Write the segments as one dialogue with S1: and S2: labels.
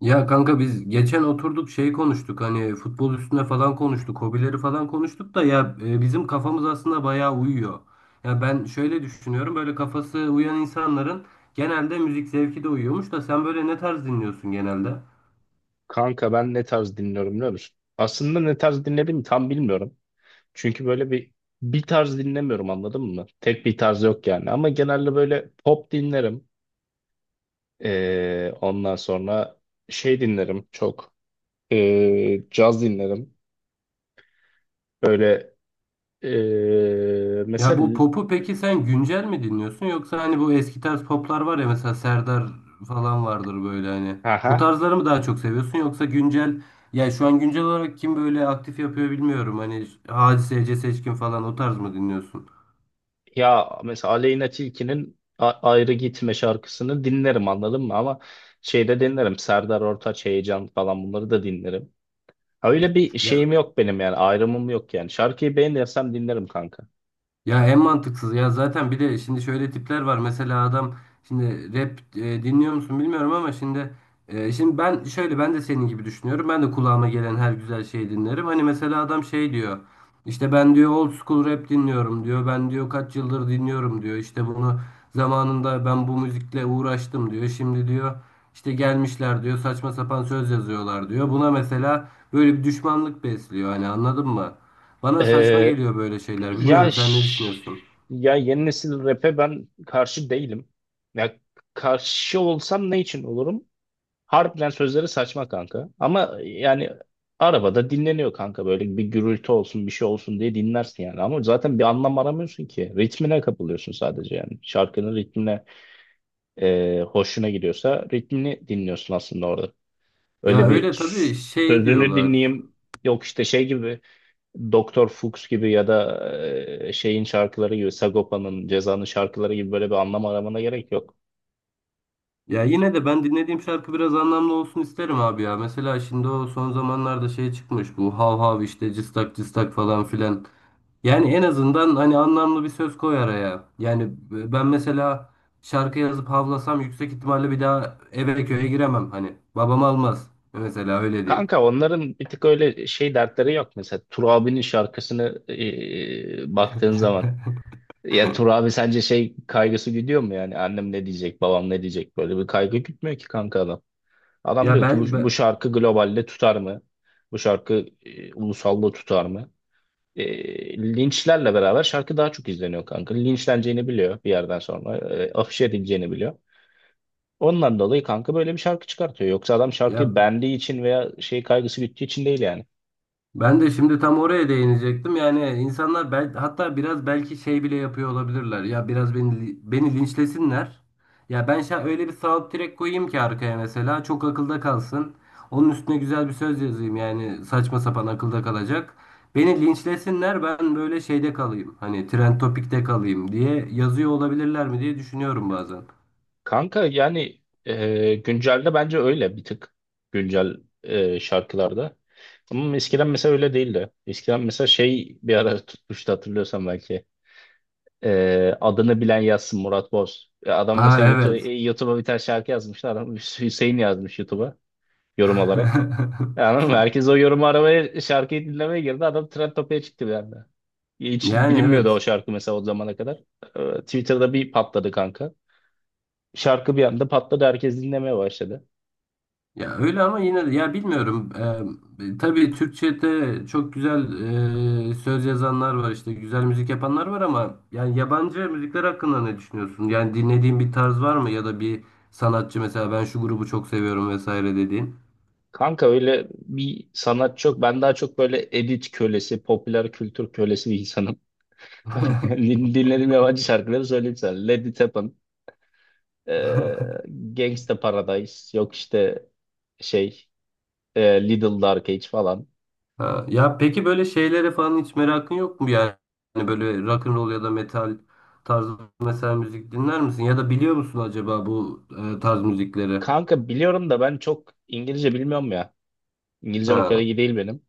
S1: Ya kanka biz geçen oturduk şey konuştuk hani futbol üstüne falan konuştuk, hobileri falan konuştuk da ya bizim kafamız aslında bayağı uyuyor. Ya ben şöyle düşünüyorum böyle kafası uyan insanların genelde müzik zevki de uyuyormuş da sen böyle ne tarz dinliyorsun genelde?
S2: Kanka ben ne tarz dinliyorum biliyor musun? Aslında ne tarz dinlediğimi tam bilmiyorum. Çünkü böyle bir tarz dinlemiyorum anladın mı? Tek bir tarz yok yani. Ama genelde böyle pop dinlerim. Ondan sonra şey dinlerim çok. Caz dinlerim. Böyle
S1: Ya bu
S2: mesela
S1: popu peki sen güncel mi dinliyorsun yoksa hani bu eski tarz poplar var ya mesela Serdar falan vardır böyle hani. Bu
S2: haha,
S1: tarzları mı daha çok seviyorsun yoksa güncel ya şu an güncel olarak kim böyle aktif yapıyor bilmiyorum hani Hadise, Ece Seçkin falan o tarz mı dinliyorsun?
S2: ya mesela Aleyna Tilki'nin Ayrı Gitme şarkısını dinlerim anladın mı? Ama şeyde dinlerim. Serdar Ortaç, Heyecan falan bunları da dinlerim. Öyle bir
S1: Ya
S2: şeyim yok benim yani ayrımım yok yani. Şarkıyı beğenirsem dinlerim kanka.
S1: Ya en mantıksız ya zaten bir de şimdi şöyle tipler var mesela adam şimdi rap dinliyor musun bilmiyorum ama şimdi şimdi ben şöyle ben de senin gibi düşünüyorum ben de kulağıma gelen her güzel şeyi dinlerim hani mesela adam şey diyor işte ben diyor old school rap dinliyorum diyor ben diyor kaç yıldır dinliyorum diyor işte bunu zamanında ben bu müzikle uğraştım diyor şimdi diyor işte gelmişler diyor saçma sapan söz yazıyorlar diyor buna mesela böyle bir düşmanlık besliyor hani anladın mı? Bana saçma
S2: Ee,
S1: geliyor böyle şeyler.
S2: ya
S1: Bilmiyorum sen ne
S2: ş-
S1: düşünüyorsun?
S2: Ya yeni nesil rap'e ben karşı değilim. Ya karşı olsam ne için olurum? Harbiden sözleri saçma kanka. Ama yani arabada dinleniyor kanka böyle bir gürültü olsun bir şey olsun diye dinlersin yani. Ama zaten bir anlam aramıyorsun ki. Ritmine kapılıyorsun sadece yani. Şarkının ritmine hoşuna gidiyorsa ritmini dinliyorsun aslında orada.
S1: Ya
S2: Öyle bir
S1: öyle tabii şey
S2: sözünü
S1: diyorlar.
S2: dinleyeyim. Yok işte şey gibi Doktor Fuchs gibi ya da şeyin şarkıları gibi Sagopa'nın Ceza'nın şarkıları gibi böyle bir anlam aramana gerek yok.
S1: Ya yine de ben dinlediğim şarkı biraz anlamlı olsun isterim abi ya. Mesela şimdi o son zamanlarda şey çıkmış bu hav hav işte cıstak cıstak falan filan. Yani en azından hani anlamlı bir söz koy araya. Yani ben mesela şarkı yazıp havlasam yüksek ihtimalle bir daha eve köye giremem hani. Babam almaz. Mesela öyle diyeyim.
S2: Kanka onların bir tık öyle şey dertleri yok. Mesela Turabi'nin şarkısını baktığın zaman ya Turabi sence şey kaygısı gidiyor mu yani annem ne diyecek babam ne diyecek böyle bir kaygı gütmüyor ki kanka adam. Adam
S1: Ya
S2: diyor ki bu,
S1: belki
S2: bu
S1: ben,
S2: şarkı globalde tutar mı? Bu şarkı ulusalda tutar mı? Linçlerle beraber şarkı daha çok izleniyor kanka. Linçleneceğini biliyor bir yerden sonra. Afişe edileceğini biliyor. Ondan dolayı kanka böyle bir şarkı çıkartıyor. Yoksa adam
S1: ya
S2: şarkıyı beğendiği için veya şey kaygısı bittiği için değil yani.
S1: Ben de şimdi tam oraya değinecektim. Yani insanlar hatta biraz belki şey bile yapıyor olabilirler. Ya biraz beni linçlesinler. Ya ben öyle bir sağlık direkt koyayım ki arkaya mesela çok akılda kalsın. Onun üstüne güzel bir söz yazayım yani saçma sapan akılda kalacak. Beni linçlesinler ben böyle şeyde kalayım. Hani trend topikte kalayım diye yazıyor olabilirler mi diye düşünüyorum bazen.
S2: Kanka yani güncelde bence öyle bir tık güncel şarkılarda. Ama eskiden mesela öyle değildi. Eskiden mesela şey bir ara tutmuştu hatırlıyorsan belki. Adını bilen yazsın Murat Boz. Ya adam
S1: Aa
S2: mesela
S1: evet.
S2: YouTube'a bir tane şarkı yazmışlar adam Hüseyin yazmış YouTube'a, yorum olarak. Yani herkes o yorumu aramaya, şarkıyı dinlemeye girdi. Adam trend topiğe çıktı bir anda. Hiç
S1: Yani
S2: bilinmiyordu o
S1: evet.
S2: şarkı mesela o zamana kadar. Twitter'da bir patladı kanka. Şarkı bir anda patladı. Herkes dinlemeye başladı.
S1: Ya öyle ama yine de ya bilmiyorum. Tabii Türkçe'de çok güzel söz yazanlar var işte güzel müzik yapanlar var ama yani yabancı müzikler hakkında ne düşünüyorsun? Yani dinlediğin bir tarz var mı ya da bir sanatçı mesela ben şu grubu çok seviyorum vesaire dediğin?
S2: Kanka öyle bir sanatçı yok. Ben daha çok böyle edit kölesi, popüler kültür kölesi bir insanım. Dinlediğim yabancı şarkıları söyleyeyim sana. Let It Happen, ee, Gangsta Paradise, yok işte şey, Little Dark Age falan.
S1: Ha, ya peki böyle şeylere falan hiç merakın yok mu yani? Hani böyle rock and roll ya da metal tarzı mesela müzik dinler misin? Ya da biliyor musun acaba bu tarz müzikleri?
S2: Kanka biliyorum da ben çok İngilizce bilmiyorum ya. İngilizcem o kadar
S1: Ha,
S2: iyi değil benim.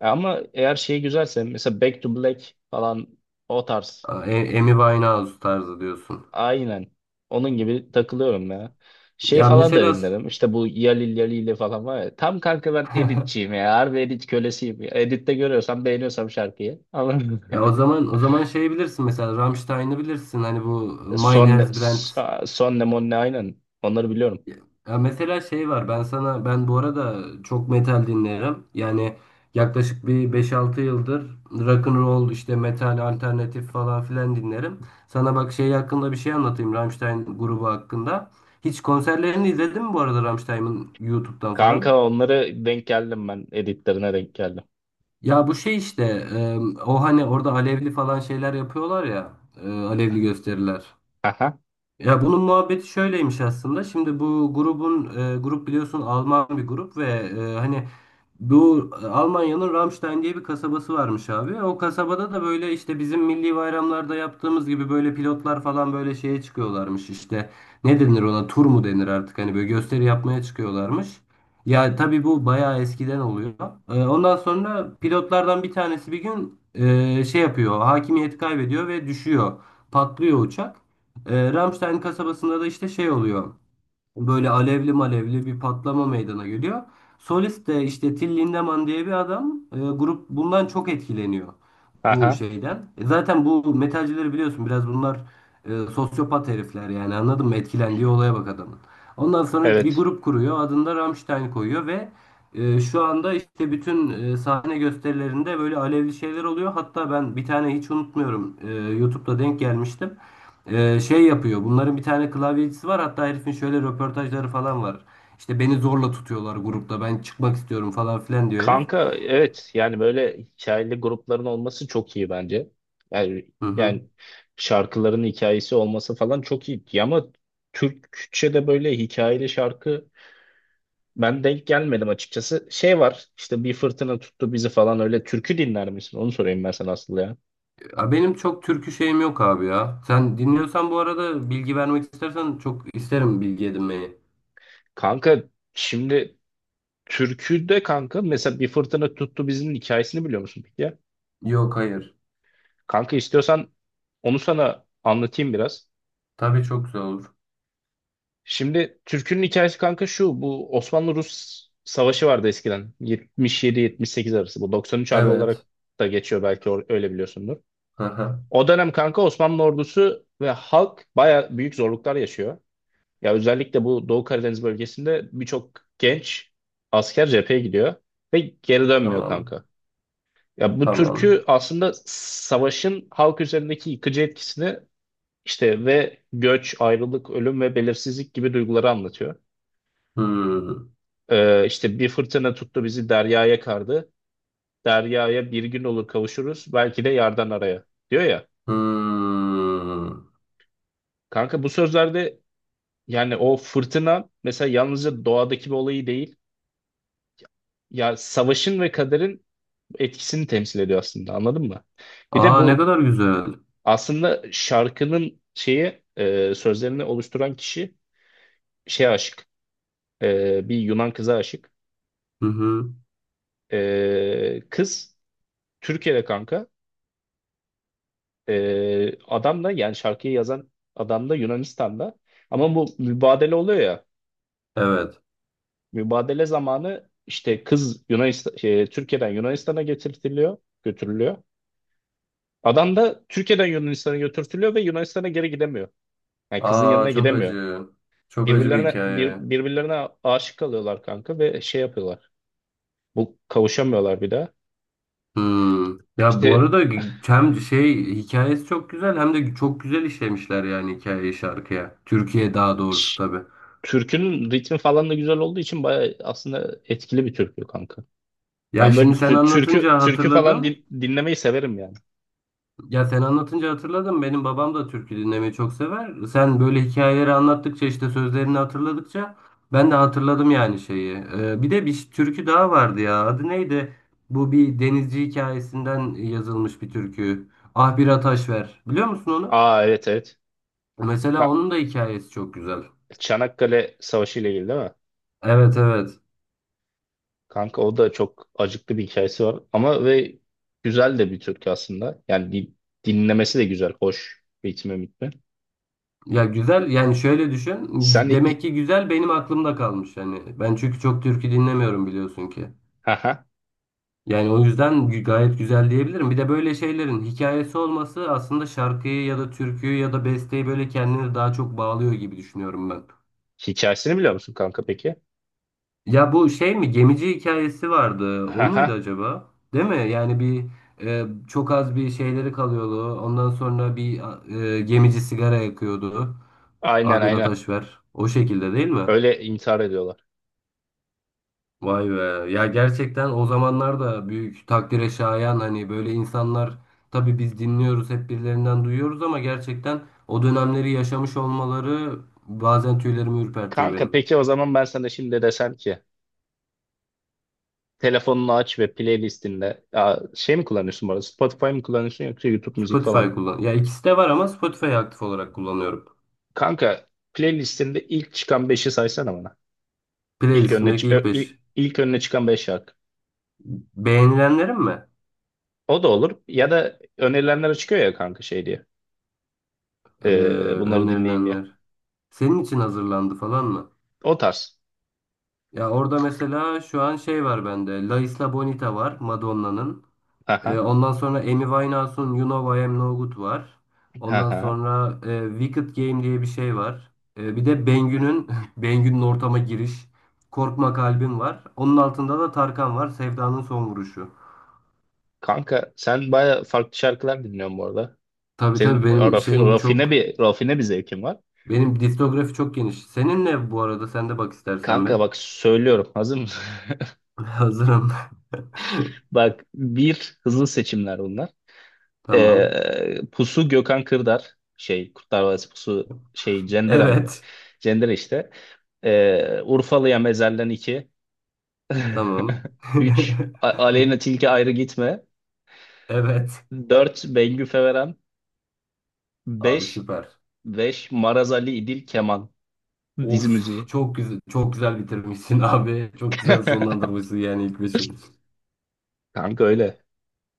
S2: Ama eğer şey güzelse mesela Back to Black falan, o tarz.
S1: Amy Winehouse tarzı diyorsun.
S2: Aynen. Onun gibi takılıyorum ya. Şey
S1: Ya
S2: falan da
S1: mesela
S2: dinlerim. İşte bu Yalil Yalil'i falan var ya. Tam kanka ben editçiyim ya. Harbi edit kölesiyim ya. Editte görüyorsam beğeniyorsam şarkıyı. Anladın mı?
S1: ya o zaman şey bilirsin mesela Rammstein'ı bilirsin hani bu
S2: Son ne,
S1: Meinherz Brand.
S2: Son ne mon ne, aynen. Onları biliyorum.
S1: Ya mesela şey var ben bu arada çok metal dinlerim. Yani yaklaşık bir beş altı yıldır rock and roll işte metal alternatif falan filan dinlerim. Sana bak şey hakkında bir şey anlatayım Rammstein grubu hakkında. Hiç konserlerini izledin mi bu arada Rammstein'ın YouTube'dan falan?
S2: Kanka onları denk geldim ben. Editlerine denk geldim.
S1: Ya bu şey işte e, o hani orada alevli falan şeyler yapıyorlar ya alevli gösteriler.
S2: Aha.
S1: Ya bunun muhabbeti şöyleymiş aslında. Şimdi bu grubun grup biliyorsun Alman bir grup ve hani bu Almanya'nın Ramstein diye bir kasabası varmış abi. O kasabada da böyle işte bizim milli bayramlarda yaptığımız gibi böyle pilotlar falan böyle şeye çıkıyorlarmış işte. Ne denir ona? Tur mu denir artık? Hani böyle gösteri yapmaya çıkıyorlarmış. Ya tabii bu bayağı eskiden oluyor. Ondan sonra pilotlardan bir tanesi bir gün şey yapıyor. Hakimiyeti kaybediyor ve düşüyor. Patlıyor uçak. Ramstein kasabasında da işte şey oluyor. Böyle alevli malevli bir patlama meydana geliyor. Solist de işte Till Lindemann diye bir adam. Grup bundan çok etkileniyor bu
S2: Aha.
S1: şeyden. Zaten bu metalcileri biliyorsun biraz bunlar sosyopat herifler yani anladın mı? Etkilendiği olaya bak adamın. Ondan sonra bir
S2: Evet.
S1: grup kuruyor adını da Rammstein koyuyor ve şu anda işte bütün sahne gösterilerinde böyle alevli şeyler oluyor. Hatta ben bir tane hiç unutmuyorum YouTube'da denk gelmiştim. Şey yapıyor bunların bir tane klavyecisi var hatta herifin şöyle röportajları falan var. İşte beni zorla tutuyorlar grupta ben çıkmak istiyorum falan filan diyor herif.
S2: Kanka evet yani böyle hikayeli grupların olması çok iyi bence. Yani,
S1: Hı hı.
S2: yani şarkıların hikayesi olması falan çok iyi ama Türkçe'de böyle hikayeli şarkı ben denk gelmedim açıkçası. Şey var işte bir fırtına tuttu bizi falan, öyle türkü dinler misin? Onu sorayım ben sana asıl ya.
S1: Ya benim çok türkü şeyim yok abi ya. Sen dinliyorsan bu arada bilgi vermek istersen çok isterim bilgi edinmeyi.
S2: Kanka şimdi türküde kanka mesela bir fırtına tuttu bizinin hikayesini biliyor musun peki ya?
S1: Yok, hayır.
S2: Kanka istiyorsan onu sana anlatayım biraz.
S1: Tabii, çok güzel olur.
S2: Şimdi türkünün hikayesi kanka şu: bu Osmanlı-Rus savaşı vardı eskiden. 77-78 arası. Bu 93 harbi olarak
S1: Evet.
S2: da geçiyor, belki öyle biliyorsundur.
S1: Aha.
S2: O dönem kanka Osmanlı ordusu ve halk baya büyük zorluklar yaşıyor. Ya özellikle bu Doğu Karadeniz bölgesinde birçok genç asker cepheye gidiyor ve geri dönmüyor
S1: Tamam.
S2: kanka. Ya bu
S1: Tamam.
S2: türkü aslında savaşın halk üzerindeki yıkıcı etkisini işte ve göç, ayrılık, ölüm ve belirsizlik gibi duyguları anlatıyor.
S1: Hmm.
S2: İşte bir fırtına tuttu bizi deryaya kardı. Deryaya bir gün olur kavuşuruz. Belki de yardan araya diyor ya.
S1: Hmm.
S2: Kanka bu sözlerde yani o fırtına mesela yalnızca doğadaki bir olayı değil. Ya savaşın ve kaderin etkisini temsil ediyor aslında, anladın mı? Bir de
S1: Aa, ne
S2: bu
S1: kadar güzel.
S2: aslında şarkının şeyi sözlerini oluşturan kişi şeye aşık. Bir Yunan kıza aşık.
S1: Hı hı.
S2: Kız Türkiye'de kanka. Adam da yani şarkıyı yazan adam da Yunanistan'da. Ama bu mübadele oluyor ya.
S1: Evet.
S2: Mübadele zamanı işte kız Yunanistan, Türkiye'den Yunanistan'a getirtiliyor, götürülüyor. Adam da Türkiye'den Yunanistan'a götürtülüyor ve Yunanistan'a geri gidemiyor. Yani kızın
S1: Aa,
S2: yanına
S1: çok
S2: gidemiyor.
S1: acı. Çok acı bir
S2: Birbirlerine bir,
S1: hikaye.
S2: birbirlerine aşık kalıyorlar kanka ve şey yapıyorlar. Bu kavuşamıyorlar bir daha.
S1: Hmm. Ya bu
S2: İşte
S1: arada hem şey hikayesi çok güzel hem de çok güzel işlemişler yani hikayeyi şarkıya. Türkiye daha doğrusu
S2: ş-
S1: tabii.
S2: türkünün ritmi falan da güzel olduğu için bayağı aslında etkili bir türkü kanka.
S1: Ya
S2: Ben böyle
S1: şimdi sen
S2: türkü
S1: anlatınca
S2: türkü falan
S1: hatırladım.
S2: dinlemeyi severim yani.
S1: Ya sen anlatınca hatırladım. Benim babam da türkü dinlemeyi çok sever. Sen böyle hikayeleri anlattıkça işte sözlerini hatırladıkça ben de hatırladım yani şeyi. Bir de bir türkü daha vardı ya. Adı neydi? Bu bir denizci hikayesinden yazılmış bir türkü. Ah bir ataş ver. Biliyor musun onu?
S2: Aa, evet evet.
S1: Mesela
S2: Ka-
S1: onun da hikayesi çok güzel.
S2: Çanakkale Savaşı ile ilgili değil mi?
S1: Evet, evet.
S2: Kanka o da çok acıklı bir hikayesi var ama, ve güzel de bir türkü aslında. Yani dinlemesi de güzel, hoş, ritmi mitmi.
S1: Ya güzel yani şöyle düşün.
S2: Sen hi-
S1: Demek ki güzel benim aklımda kalmış yani. Ben çünkü çok türkü dinlemiyorum biliyorsun ki.
S2: haha
S1: Yani o yüzden gayet güzel diyebilirim. Bir de böyle şeylerin hikayesi olması aslında şarkıyı ya da türküyü ya da besteyi böyle kendine daha çok bağlıyor gibi düşünüyorum ben.
S2: hikayesini biliyor musun kanka peki?
S1: Ya bu şey mi, gemici hikayesi vardı. O muydu
S2: Haha
S1: acaba? Değil mi? Yani bir çok az bir şeyleri kalıyordu. Ondan sonra bir gemici sigara yakıyordu.
S2: aynen
S1: Ah bir
S2: aynen.
S1: ateş ver. O şekilde değil mi?
S2: Öyle intihar ediyorlar.
S1: Vay be. Ya gerçekten o zamanlar da büyük takdire şayan hani böyle insanlar tabii biz dinliyoruz hep birilerinden duyuyoruz ama gerçekten o dönemleri yaşamış olmaları bazen tüylerimi ürpertiyor
S2: Kanka
S1: benim.
S2: peki o zaman ben sana şimdi desem ki telefonunu aç ve playlistinde, şey mi kullanıyorsun bu arada? Spotify mı kullanıyorsun yoksa YouTube müzik falan
S1: Spotify
S2: mı?
S1: kullan. Ya ikisi de var ama Spotify'ı aktif olarak kullanıyorum.
S2: Kanka playlistinde ilk çıkan 5'i saysana bana. İlk önüne,
S1: Playlistimdeki
S2: çı-
S1: ilk
S2: ö- ilk,
S1: 5
S2: ilk önüne çıkan 5 şarkı.
S1: beğenilenlerim mi?
S2: O da olur. Ya da önerilenler çıkıyor ya kanka, şey diye.
S1: Ee,
S2: Bunları dinleyin diye.
S1: önerilenler. Senin için hazırlandı falan mı?
S2: O tarz.
S1: Ya orada mesela şu an şey var bende. La Isla Bonita var Madonna'nın. Ee,
S2: Aha,
S1: ondan sonra Amy Winehouse'un You Know I Am No Good var. Ondan
S2: aha.
S1: sonra Wicked Game diye bir şey var. Bir de Bengü'nün Bengü'nün ortama giriş. Korkma Kalbim var. Onun altında da Tarkan var. Sevdanın son vuruşu.
S2: Kanka sen baya farklı şarkılar dinliyorsun bu arada.
S1: Tabii, tabii,
S2: Senin rafine bir zevkin var.
S1: benim diskografi çok geniş. Senin ne bu arada? Sen de bak istersen be.
S2: Kanka bak söylüyorum, hazır mısın?
S1: Hazırım.
S2: Bak, bir hızlı seçimler bunlar.
S1: Tamam.
S2: Pusu, Gökhan Kırdar, şey Kurtlar Vadisi Pusu, şey Cender amına.
S1: Evet.
S2: Cender işte. Urfalı'ya Mezel'den, 2.
S1: Tamam.
S2: 3. Aleyna Tilki, Ayrı Gitme.
S1: Evet.
S2: Dört, Bengü, Feverem.
S1: Abi,
S2: beş
S1: süper.
S2: beş Maraz Ali, İdil Keman. Dizi
S1: Of
S2: müziği.
S1: çok güzel, çok güzel bitirmişsin abi. Çok güzel sonlandırmışsın yani ilk beşi.
S2: Kanka öyle.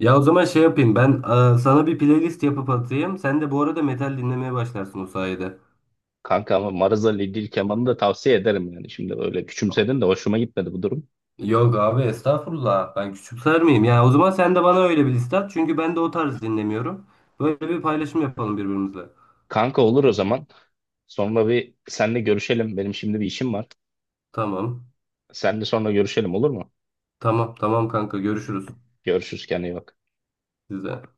S1: Ya o zaman şey yapayım ben sana bir playlist yapıp atayım. Sen de bu arada metal dinlemeye başlarsın o sayede.
S2: Kanka ama Maraz Ali İdil Keman'ı da tavsiye ederim yani. Şimdi öyle küçümsedin de hoşuma gitmedi bu durum.
S1: Yok abi estağfurullah, ben küçümser miyim? Ya o zaman sen de bana öyle bir liste at. Çünkü ben de o tarz dinlemiyorum. Böyle bir paylaşım yapalım birbirimizle.
S2: Kanka olur o zaman. Sonra bir senle görüşelim. Benim şimdi bir işim var.
S1: Tamam.
S2: Senle sonra görüşelim olur mu?
S1: Tamam, tamam kanka, görüşürüz
S2: Görüşürüz, kendine iyi bak.
S1: size.